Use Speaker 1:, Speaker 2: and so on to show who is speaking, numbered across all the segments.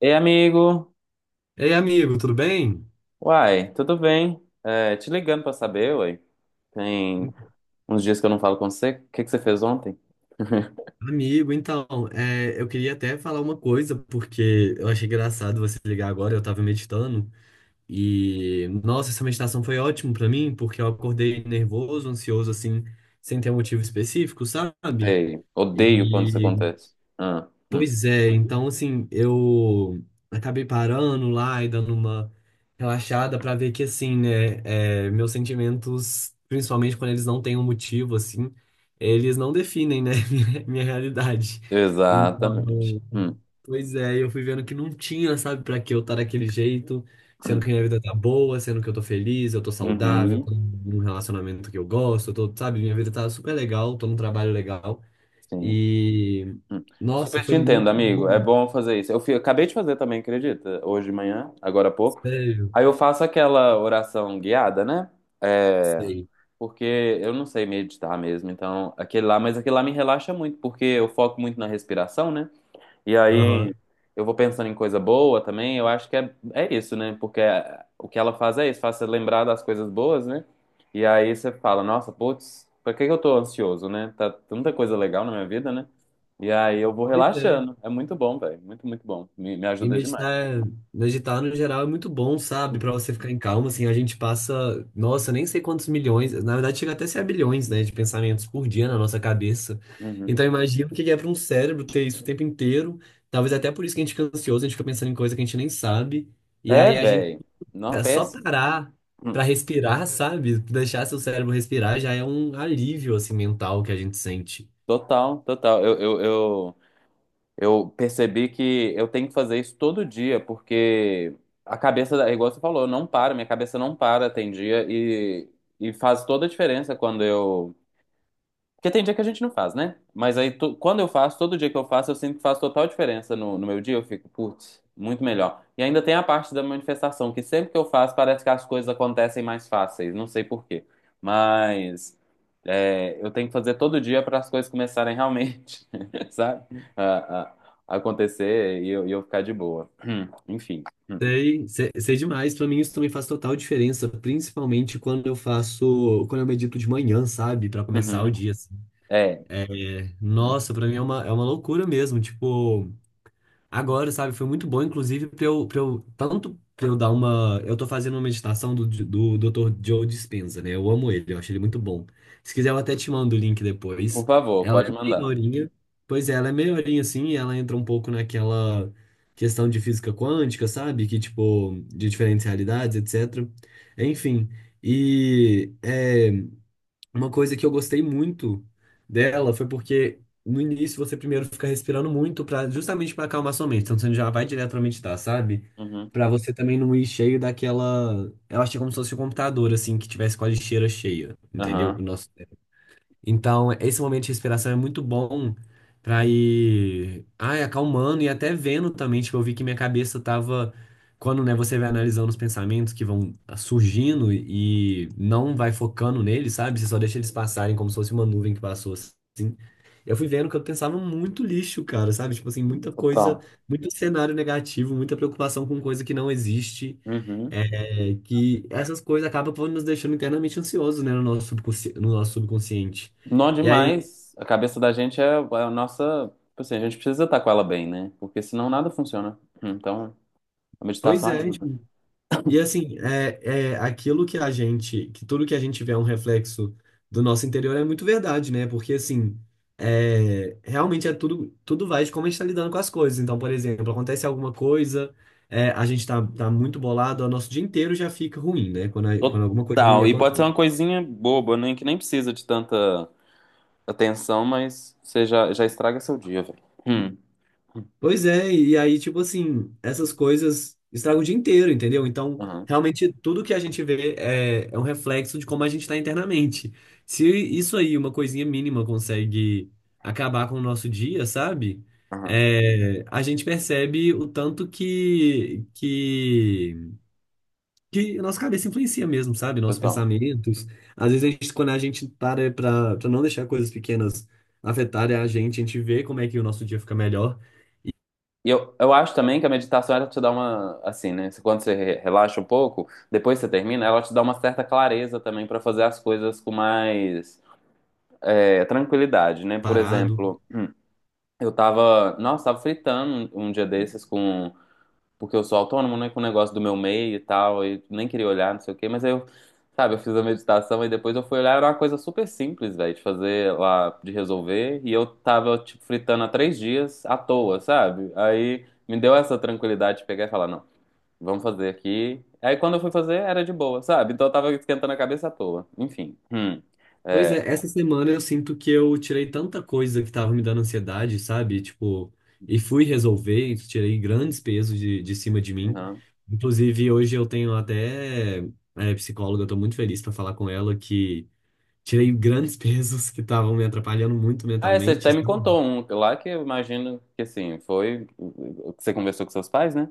Speaker 1: Ei, amigo.
Speaker 2: Ei, amigo, tudo bem?
Speaker 1: Uai, tudo bem? É, te ligando pra saber, uai. Tem uns dias que eu não falo com você. O que que você fez ontem?
Speaker 2: Amigo, então, eu queria até falar uma coisa, porque eu achei engraçado você ligar agora, eu tava meditando, e, nossa, essa meditação foi ótima pra mim, porque eu acordei nervoso, ansioso, assim, sem ter um motivo específico, sabe?
Speaker 1: Ei, odeio quando isso
Speaker 2: E
Speaker 1: acontece. Ah.
Speaker 2: Pois é, então assim, eu acabei parando lá e dando uma relaxada pra ver que assim, né, meus sentimentos, principalmente quando eles não têm um motivo, assim, eles não definem, né, minha realidade.
Speaker 1: Exatamente.
Speaker 2: Então, pois é, eu fui vendo que não tinha, sabe, pra que eu estar daquele jeito, sendo
Speaker 1: Hum.
Speaker 2: que minha vida tá boa, sendo que eu tô feliz, eu tô saudável, tô
Speaker 1: Uhum.
Speaker 2: num relacionamento que eu gosto, eu tô, sabe, minha vida tá super legal, tô num trabalho legal.
Speaker 1: Sim.
Speaker 2: E
Speaker 1: Hum.
Speaker 2: nossa,
Speaker 1: Super te
Speaker 2: foi
Speaker 1: entendo,
Speaker 2: muito
Speaker 1: amigo. É
Speaker 2: bom,
Speaker 1: bom fazer isso. Acabei de fazer também, acredita? Hoje de manhã, agora há pouco.
Speaker 2: sério,
Speaker 1: Aí eu faço aquela oração guiada, né? É,
Speaker 2: sei.
Speaker 1: Porque eu não sei meditar mesmo, então aquele lá, mas aquele lá me relaxa muito, porque eu foco muito na respiração, né? E
Speaker 2: Aham.
Speaker 1: aí eu vou pensando em coisa boa também, eu acho que é isso, né? O que ela faz é isso, faz você lembrar das coisas boas, né? E aí você fala, nossa, putz, pra que que eu tô ansioso, né? Tá tanta coisa legal na minha vida, né? E aí eu vou
Speaker 2: Pois é.
Speaker 1: relaxando, é muito bom, velho, muito, muito bom, me
Speaker 2: E
Speaker 1: ajuda demais.
Speaker 2: meditar, meditar no geral é muito bom, sabe? Pra você ficar em calma, assim, a gente passa, nossa, nem sei quantos milhões, na verdade chega até a ser a bilhões, né, de pensamentos por dia na nossa cabeça.
Speaker 1: Uhum.
Speaker 2: Então imagina o que é para um cérebro ter isso o tempo inteiro. Talvez até por isso que a gente fica ansioso, a gente fica pensando em coisa que a gente nem sabe. E
Speaker 1: É,
Speaker 2: aí a gente
Speaker 1: velho, não, é
Speaker 2: É só
Speaker 1: péssimo.
Speaker 2: parar
Speaker 1: Hum.
Speaker 2: pra respirar, sabe? Deixar seu cérebro respirar já é um alívio, assim, mental que a gente sente.
Speaker 1: Total, total. Eu percebi que eu tenho que fazer isso todo dia, porque a cabeça, igual você falou, não para, minha cabeça não para, tem dia, e faz toda a diferença quando eu porque tem dia que a gente não faz, né? Mas aí, quando eu faço, todo dia que eu faço, eu sinto que faz total diferença no meu dia. Eu fico, putz, muito melhor. E ainda tem a parte da manifestação, que sempre que eu faço, parece que as coisas acontecem mais fáceis. Não sei por quê. Mas é, eu tenho que fazer todo dia para as coisas começarem realmente, sabe? A, a- a acontecer e eu ficar de boa. Enfim. Hum.
Speaker 2: Sei, sei, sei demais. Pra mim isso também faz total diferença, principalmente quando eu faço, quando eu medito de manhã, sabe? Pra começar o
Speaker 1: Uhum.
Speaker 2: dia, assim.
Speaker 1: É.
Speaker 2: É,
Speaker 1: Hum.
Speaker 2: nossa, pra mim é uma loucura mesmo. Tipo, agora, sabe? Foi muito bom, inclusive, pra eu tanto pra eu dar uma. Eu tô fazendo uma meditação do doutor Joe Dispenza, né? Eu amo ele, eu acho ele muito bom. Se quiser, eu até te mando o link depois.
Speaker 1: Por favor,
Speaker 2: Ela
Speaker 1: pode
Speaker 2: é meia
Speaker 1: mandar.
Speaker 2: horinha. Pois é, ela é meia horinha assim, e ela entra um pouco naquela questão de física quântica, sabe? Que, tipo, de diferentes realidades, etc. Enfim. E. é, uma coisa que eu gostei muito dela foi porque no início você primeiro fica respirando muito para justamente para acalmar sua mente. Então você já vai direto para meditar, sabe?
Speaker 1: Uhum.
Speaker 2: Para você também não ir cheio daquela, eu achei como se fosse um computador assim que tivesse com a lixeira cheia, entendeu?
Speaker 1: Aham.
Speaker 2: Então, esse momento de respiração é muito bom pra ir, ai, acalmando e até vendo também, tipo, eu vi que minha cabeça tava, quando, né, você vai analisando os pensamentos que vão surgindo e não vai focando neles, sabe? Você só deixa eles passarem como se fosse uma nuvem que passou assim. Eu fui vendo que eu pensava muito lixo, cara, sabe? Tipo assim, muita coisa,
Speaker 1: Total.
Speaker 2: muito cenário negativo, muita preocupação com coisa que não existe.
Speaker 1: Uhum.
Speaker 2: É que essas coisas acabam por nos deixando internamente ansiosos, né, no nosso subconsciente.
Speaker 1: Nó
Speaker 2: E aí,
Speaker 1: demais. A cabeça da gente é, é a nossa. Tipo assim, a gente precisa estar com ela bem, né? Porque senão nada funciona. Então, a
Speaker 2: pois
Speaker 1: meditação
Speaker 2: é,
Speaker 1: ajuda.
Speaker 2: tipo, e assim, é aquilo que a gente, que tudo que a gente vê é um reflexo do nosso interior é muito verdade, né? Porque assim, é, realmente é tudo, tudo vai de como a gente está lidando com as coisas. Então, por exemplo, acontece alguma coisa, é, a gente tá muito bolado, o nosso dia inteiro já fica ruim, né? Quando, quando alguma coisa ruim.
Speaker 1: Total. E pode ser uma coisinha boba, né? Que nem precisa de tanta atenção, mas você já, já estraga seu dia, velho. Hum.
Speaker 2: Pois é, e aí, tipo assim, essas coisas estragam o dia inteiro, entendeu? Então,
Speaker 1: Aham,
Speaker 2: realmente, tudo que a gente vê é, é um reflexo de como a gente está internamente. Se isso aí, uma coisinha mínima, consegue acabar com o nosso dia, sabe?
Speaker 1: aham.
Speaker 2: É, a gente percebe o tanto que a nossa cabeça influencia mesmo, sabe? Nossos
Speaker 1: Total.
Speaker 2: pensamentos. Às vezes, a gente, quando a gente para pra não deixar coisas pequenas afetarem a gente vê como é que o nosso dia fica melhor,
Speaker 1: E eu acho também que a meditação ela te dá uma. Assim, né? Quando você relaxa um pouco, depois você termina, ela te dá uma certa clareza também pra fazer as coisas com mais é, tranquilidade, né? Por
Speaker 2: parado.
Speaker 1: exemplo. Eu tava, nossa, tava fritando um dia desses com, porque eu sou autônomo, né, com o negócio do meu meio e tal, e nem queria olhar, não sei o quê, mas aí eu, sabe, eu fiz a meditação e depois eu fui olhar, era uma coisa super simples, velho, de fazer lá, de resolver, e eu tava, tipo, fritando há 3 dias à toa, sabe? Aí me deu essa tranquilidade de pegar e falar, não, vamos fazer aqui. Aí quando eu fui fazer, era de boa, sabe? Então eu tava esquentando a cabeça à toa. Enfim. Hum.
Speaker 2: Pois
Speaker 1: É.
Speaker 2: é, essa semana eu sinto que eu tirei tanta coisa que tava me dando ansiedade, sabe? Tipo, e fui resolver, e tirei grandes pesos de cima de mim. Inclusive, hoje eu tenho até psicóloga, eu tô muito feliz pra falar com ela que tirei grandes pesos que estavam me atrapalhando muito
Speaker 1: Ah, é, você
Speaker 2: mentalmente,
Speaker 1: até me
Speaker 2: sabe?
Speaker 1: contou um lá que eu imagino que assim, foi o que você conversou com seus pais, né?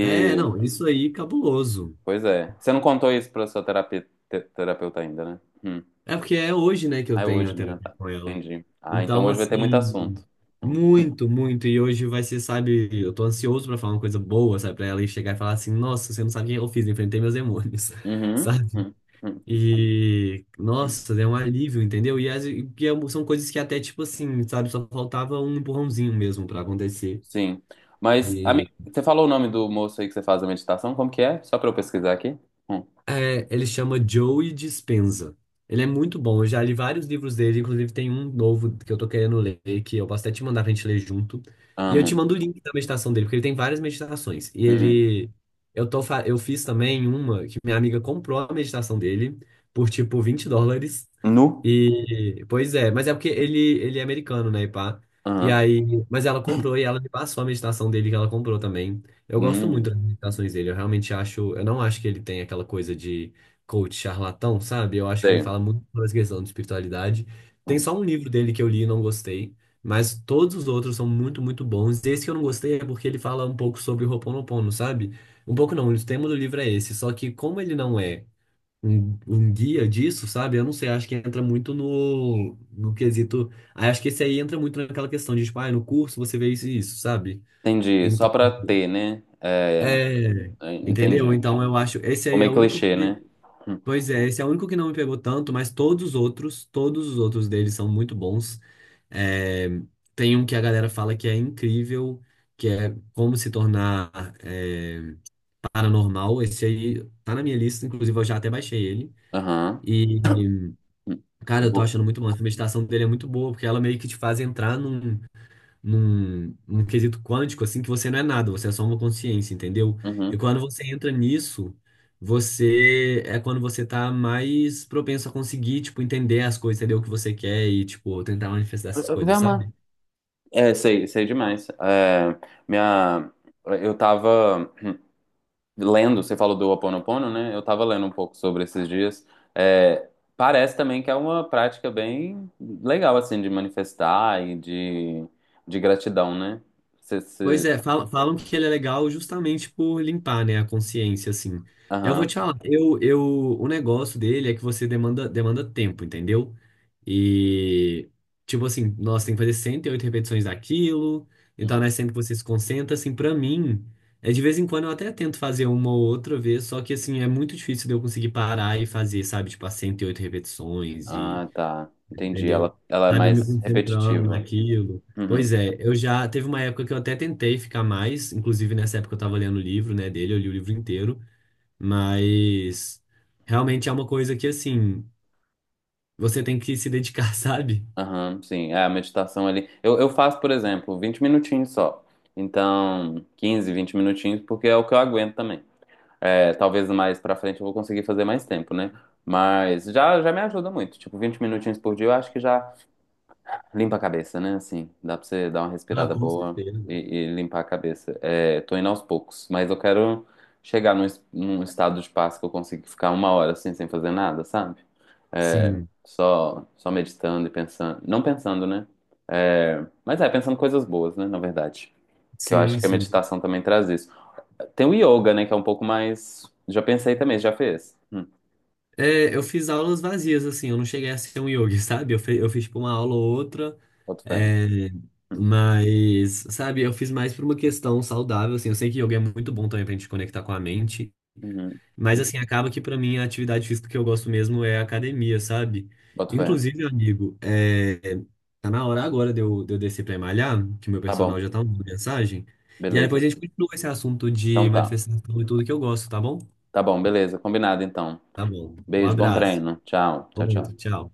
Speaker 2: É, não, isso aí, cabuloso.
Speaker 1: pois é. Você não contou isso pra sua terapeuta ainda, né? Hum.
Speaker 2: É porque é hoje, né, que
Speaker 1: Ah,
Speaker 2: eu
Speaker 1: é
Speaker 2: tenho a
Speaker 1: hoje, né? Ah,
Speaker 2: terapia
Speaker 1: tá.
Speaker 2: com ela.
Speaker 1: Entendi. Ah, então
Speaker 2: Então,
Speaker 1: hoje vai ter muito
Speaker 2: assim,
Speaker 1: assunto. Hum.
Speaker 2: muito, muito. E hoje vai ser, sabe, eu tô ansioso pra falar uma coisa boa, sabe, pra ela e chegar e falar assim: nossa, você não sabe o que eu fiz, enfrentei meus demônios,
Speaker 1: Uhum.
Speaker 2: sabe?
Speaker 1: Hum. Hum.
Speaker 2: E,
Speaker 1: Hum.
Speaker 2: nossa, é um alívio, entendeu? E e que são coisas que até, tipo assim, sabe, só faltava um empurrãozinho mesmo pra acontecer.
Speaker 1: Sim. Mas, amigo, você falou o nome do moço aí que você faz a meditação? Como que é? Só pra eu pesquisar aqui. Hum.
Speaker 2: É, ele chama Joey Dispenza. Ele é muito bom, eu já li vários livros dele, inclusive tem um novo que eu tô querendo ler, que eu posso até te mandar pra gente ler junto. E eu te
Speaker 1: Amo.
Speaker 2: mando o link da meditação dele, porque ele tem várias meditações. E
Speaker 1: Hum.
Speaker 2: ele. Eu fiz também uma que minha amiga comprou a meditação dele por tipo US$ 20.
Speaker 1: Nu?
Speaker 2: Pois é, mas é porque ele é americano, né, e pá. E
Speaker 1: Aham.
Speaker 2: aí. Mas ela comprou e ela me passou a meditação dele que ela comprou também. Eu gosto muito
Speaker 1: Hum.
Speaker 2: das imitações dele. Eu realmente acho. Eu não acho que ele tem aquela coisa de coach charlatão, sabe? Eu acho que ele
Speaker 1: Sei.
Speaker 2: fala muito sobre essa questão de espiritualidade. Tem
Speaker 1: Hum.
Speaker 2: só um livro dele que eu li e não gostei, mas todos os outros são muito, muito bons. Esse que eu não gostei é porque ele fala um pouco sobre o Ho'oponopono, sabe? Um pouco não, o tema do livro é esse. Só que como ele não é um, um guia disso, sabe? Eu não sei, acho que entra muito no quesito. Aí acho que esse aí entra muito naquela questão de, tipo, ah, no curso você vê isso e isso, sabe?
Speaker 1: Entendi. Só
Speaker 2: Então.
Speaker 1: pra ter, né? É.
Speaker 2: É,
Speaker 1: É,
Speaker 2: entendeu?
Speaker 1: entendi.
Speaker 2: Então eu acho, esse aí é
Speaker 1: Comer
Speaker 2: o único
Speaker 1: clichê,
Speaker 2: que,
Speaker 1: né? Hum.
Speaker 2: pois é, esse é o único que não me pegou tanto, mas todos os outros deles são muito bons. É, tem um que a galera fala que é incrível, que é Como Se Tornar é, Paranormal. Esse aí tá na minha lista, inclusive eu já até baixei ele.
Speaker 1: Aham.
Speaker 2: E,
Speaker 1: Hum.
Speaker 2: cara, eu tô
Speaker 1: vou-
Speaker 2: achando muito massa. A meditação dele é muito boa, porque ela meio que te faz entrar num num quesito quântico, assim, que você não é nada, você é só uma consciência, entendeu? E
Speaker 1: Uhum.
Speaker 2: quando você entra nisso, você é quando você tá mais propenso a conseguir, tipo, entender as coisas, entender o que você quer e, tipo, tentar manifestar essas coisas,
Speaker 1: Velma.
Speaker 2: sabe?
Speaker 1: É, sei, sei demais. É, minha, eu tava lendo, você falou do Ho Oponopono, né? Eu tava lendo um pouco sobre esses dias. É, parece também que é uma prática bem legal, assim, de manifestar e de gratidão, né? Você,
Speaker 2: Pois
Speaker 1: você...
Speaker 2: é, falam que ele é legal justamente por limpar, né, a consciência, assim. Eu vou te
Speaker 1: Aham.
Speaker 2: falar, eu, o negócio dele é que você demanda, demanda tempo, entendeu? E, tipo assim, nossa, tem que fazer 108 repetições daquilo, então não
Speaker 1: Uhum.
Speaker 2: é sempre que você se concentra, assim, pra mim, é de vez em quando eu até tento fazer uma ou outra vez, só que, assim, é muito difícil de eu conseguir parar e fazer, sabe, tipo, as 108 repetições
Speaker 1: Ah, tá. Entendi. Ela,
Speaker 2: entendeu?
Speaker 1: ela é
Speaker 2: Sabe, me
Speaker 1: mais
Speaker 2: concentrando
Speaker 1: repetitiva.
Speaker 2: naquilo. Pois
Speaker 1: Uhum.
Speaker 2: é, eu já teve uma época que eu até tentei ficar mais, inclusive nessa época eu tava lendo o livro, né, dele, eu li o livro inteiro, mas realmente é uma coisa que assim, você tem que se dedicar, sabe?
Speaker 1: Aham, sim, é a meditação ali. Eu faço, por exemplo, 20 minutinhos só. Então, 15 20 minutinhos, porque é o que eu aguento também. É, talvez mais pra frente eu vou conseguir fazer mais tempo, né? Mas já, já me ajuda muito. Tipo, 20 minutinhos por dia eu acho que já limpa a cabeça, né? Assim, dá pra você dar uma
Speaker 2: Ah,
Speaker 1: respirada
Speaker 2: com
Speaker 1: boa
Speaker 2: certeza.
Speaker 1: e limpar a cabeça. É, tô indo aos poucos, mas eu quero chegar num, num estado de paz que eu consiga ficar uma hora assim, sem fazer nada, sabe? É,
Speaker 2: Sim,
Speaker 1: só, só meditando e pensando. Não pensando, né? É, mas é, pensando coisas boas, né? Na verdade. Que eu acho
Speaker 2: sim,
Speaker 1: que a
Speaker 2: sim.
Speaker 1: meditação também traz isso. Tem o yoga, né? Que é um pouco mais. Já pensei também, já fez.
Speaker 2: É, eu fiz aulas vazias, assim, eu não cheguei a ser um yogi, sabe? Eu, eu fiz, tipo, uma aula ou outra,
Speaker 1: Boto fé.
Speaker 2: é, mas, sabe, eu fiz mais por uma questão saudável, assim, eu sei que yoga é muito bom também pra gente conectar com a mente,
Speaker 1: Uhum,
Speaker 2: mas,
Speaker 1: uhum,
Speaker 2: assim, acaba que pra mim a atividade física que eu gosto mesmo é a academia, sabe?
Speaker 1: boto fé.
Speaker 2: Inclusive, amigo, é, tá na hora agora de eu descer pra malhar, que meu
Speaker 1: Tá
Speaker 2: personal
Speaker 1: bom,
Speaker 2: já tá mandando mensagem, e aí depois
Speaker 1: beleza.
Speaker 2: a gente continua esse assunto
Speaker 1: Então
Speaker 2: de
Speaker 1: tá.
Speaker 2: manifestação e tudo que eu gosto, tá bom?
Speaker 1: Tá bom, beleza. Combinado então.
Speaker 2: Tá bom, um
Speaker 1: Beijo, bom
Speaker 2: abraço,
Speaker 1: treino. Tchau, tchau,
Speaker 2: outro,
Speaker 1: tchau.
Speaker 2: tchau.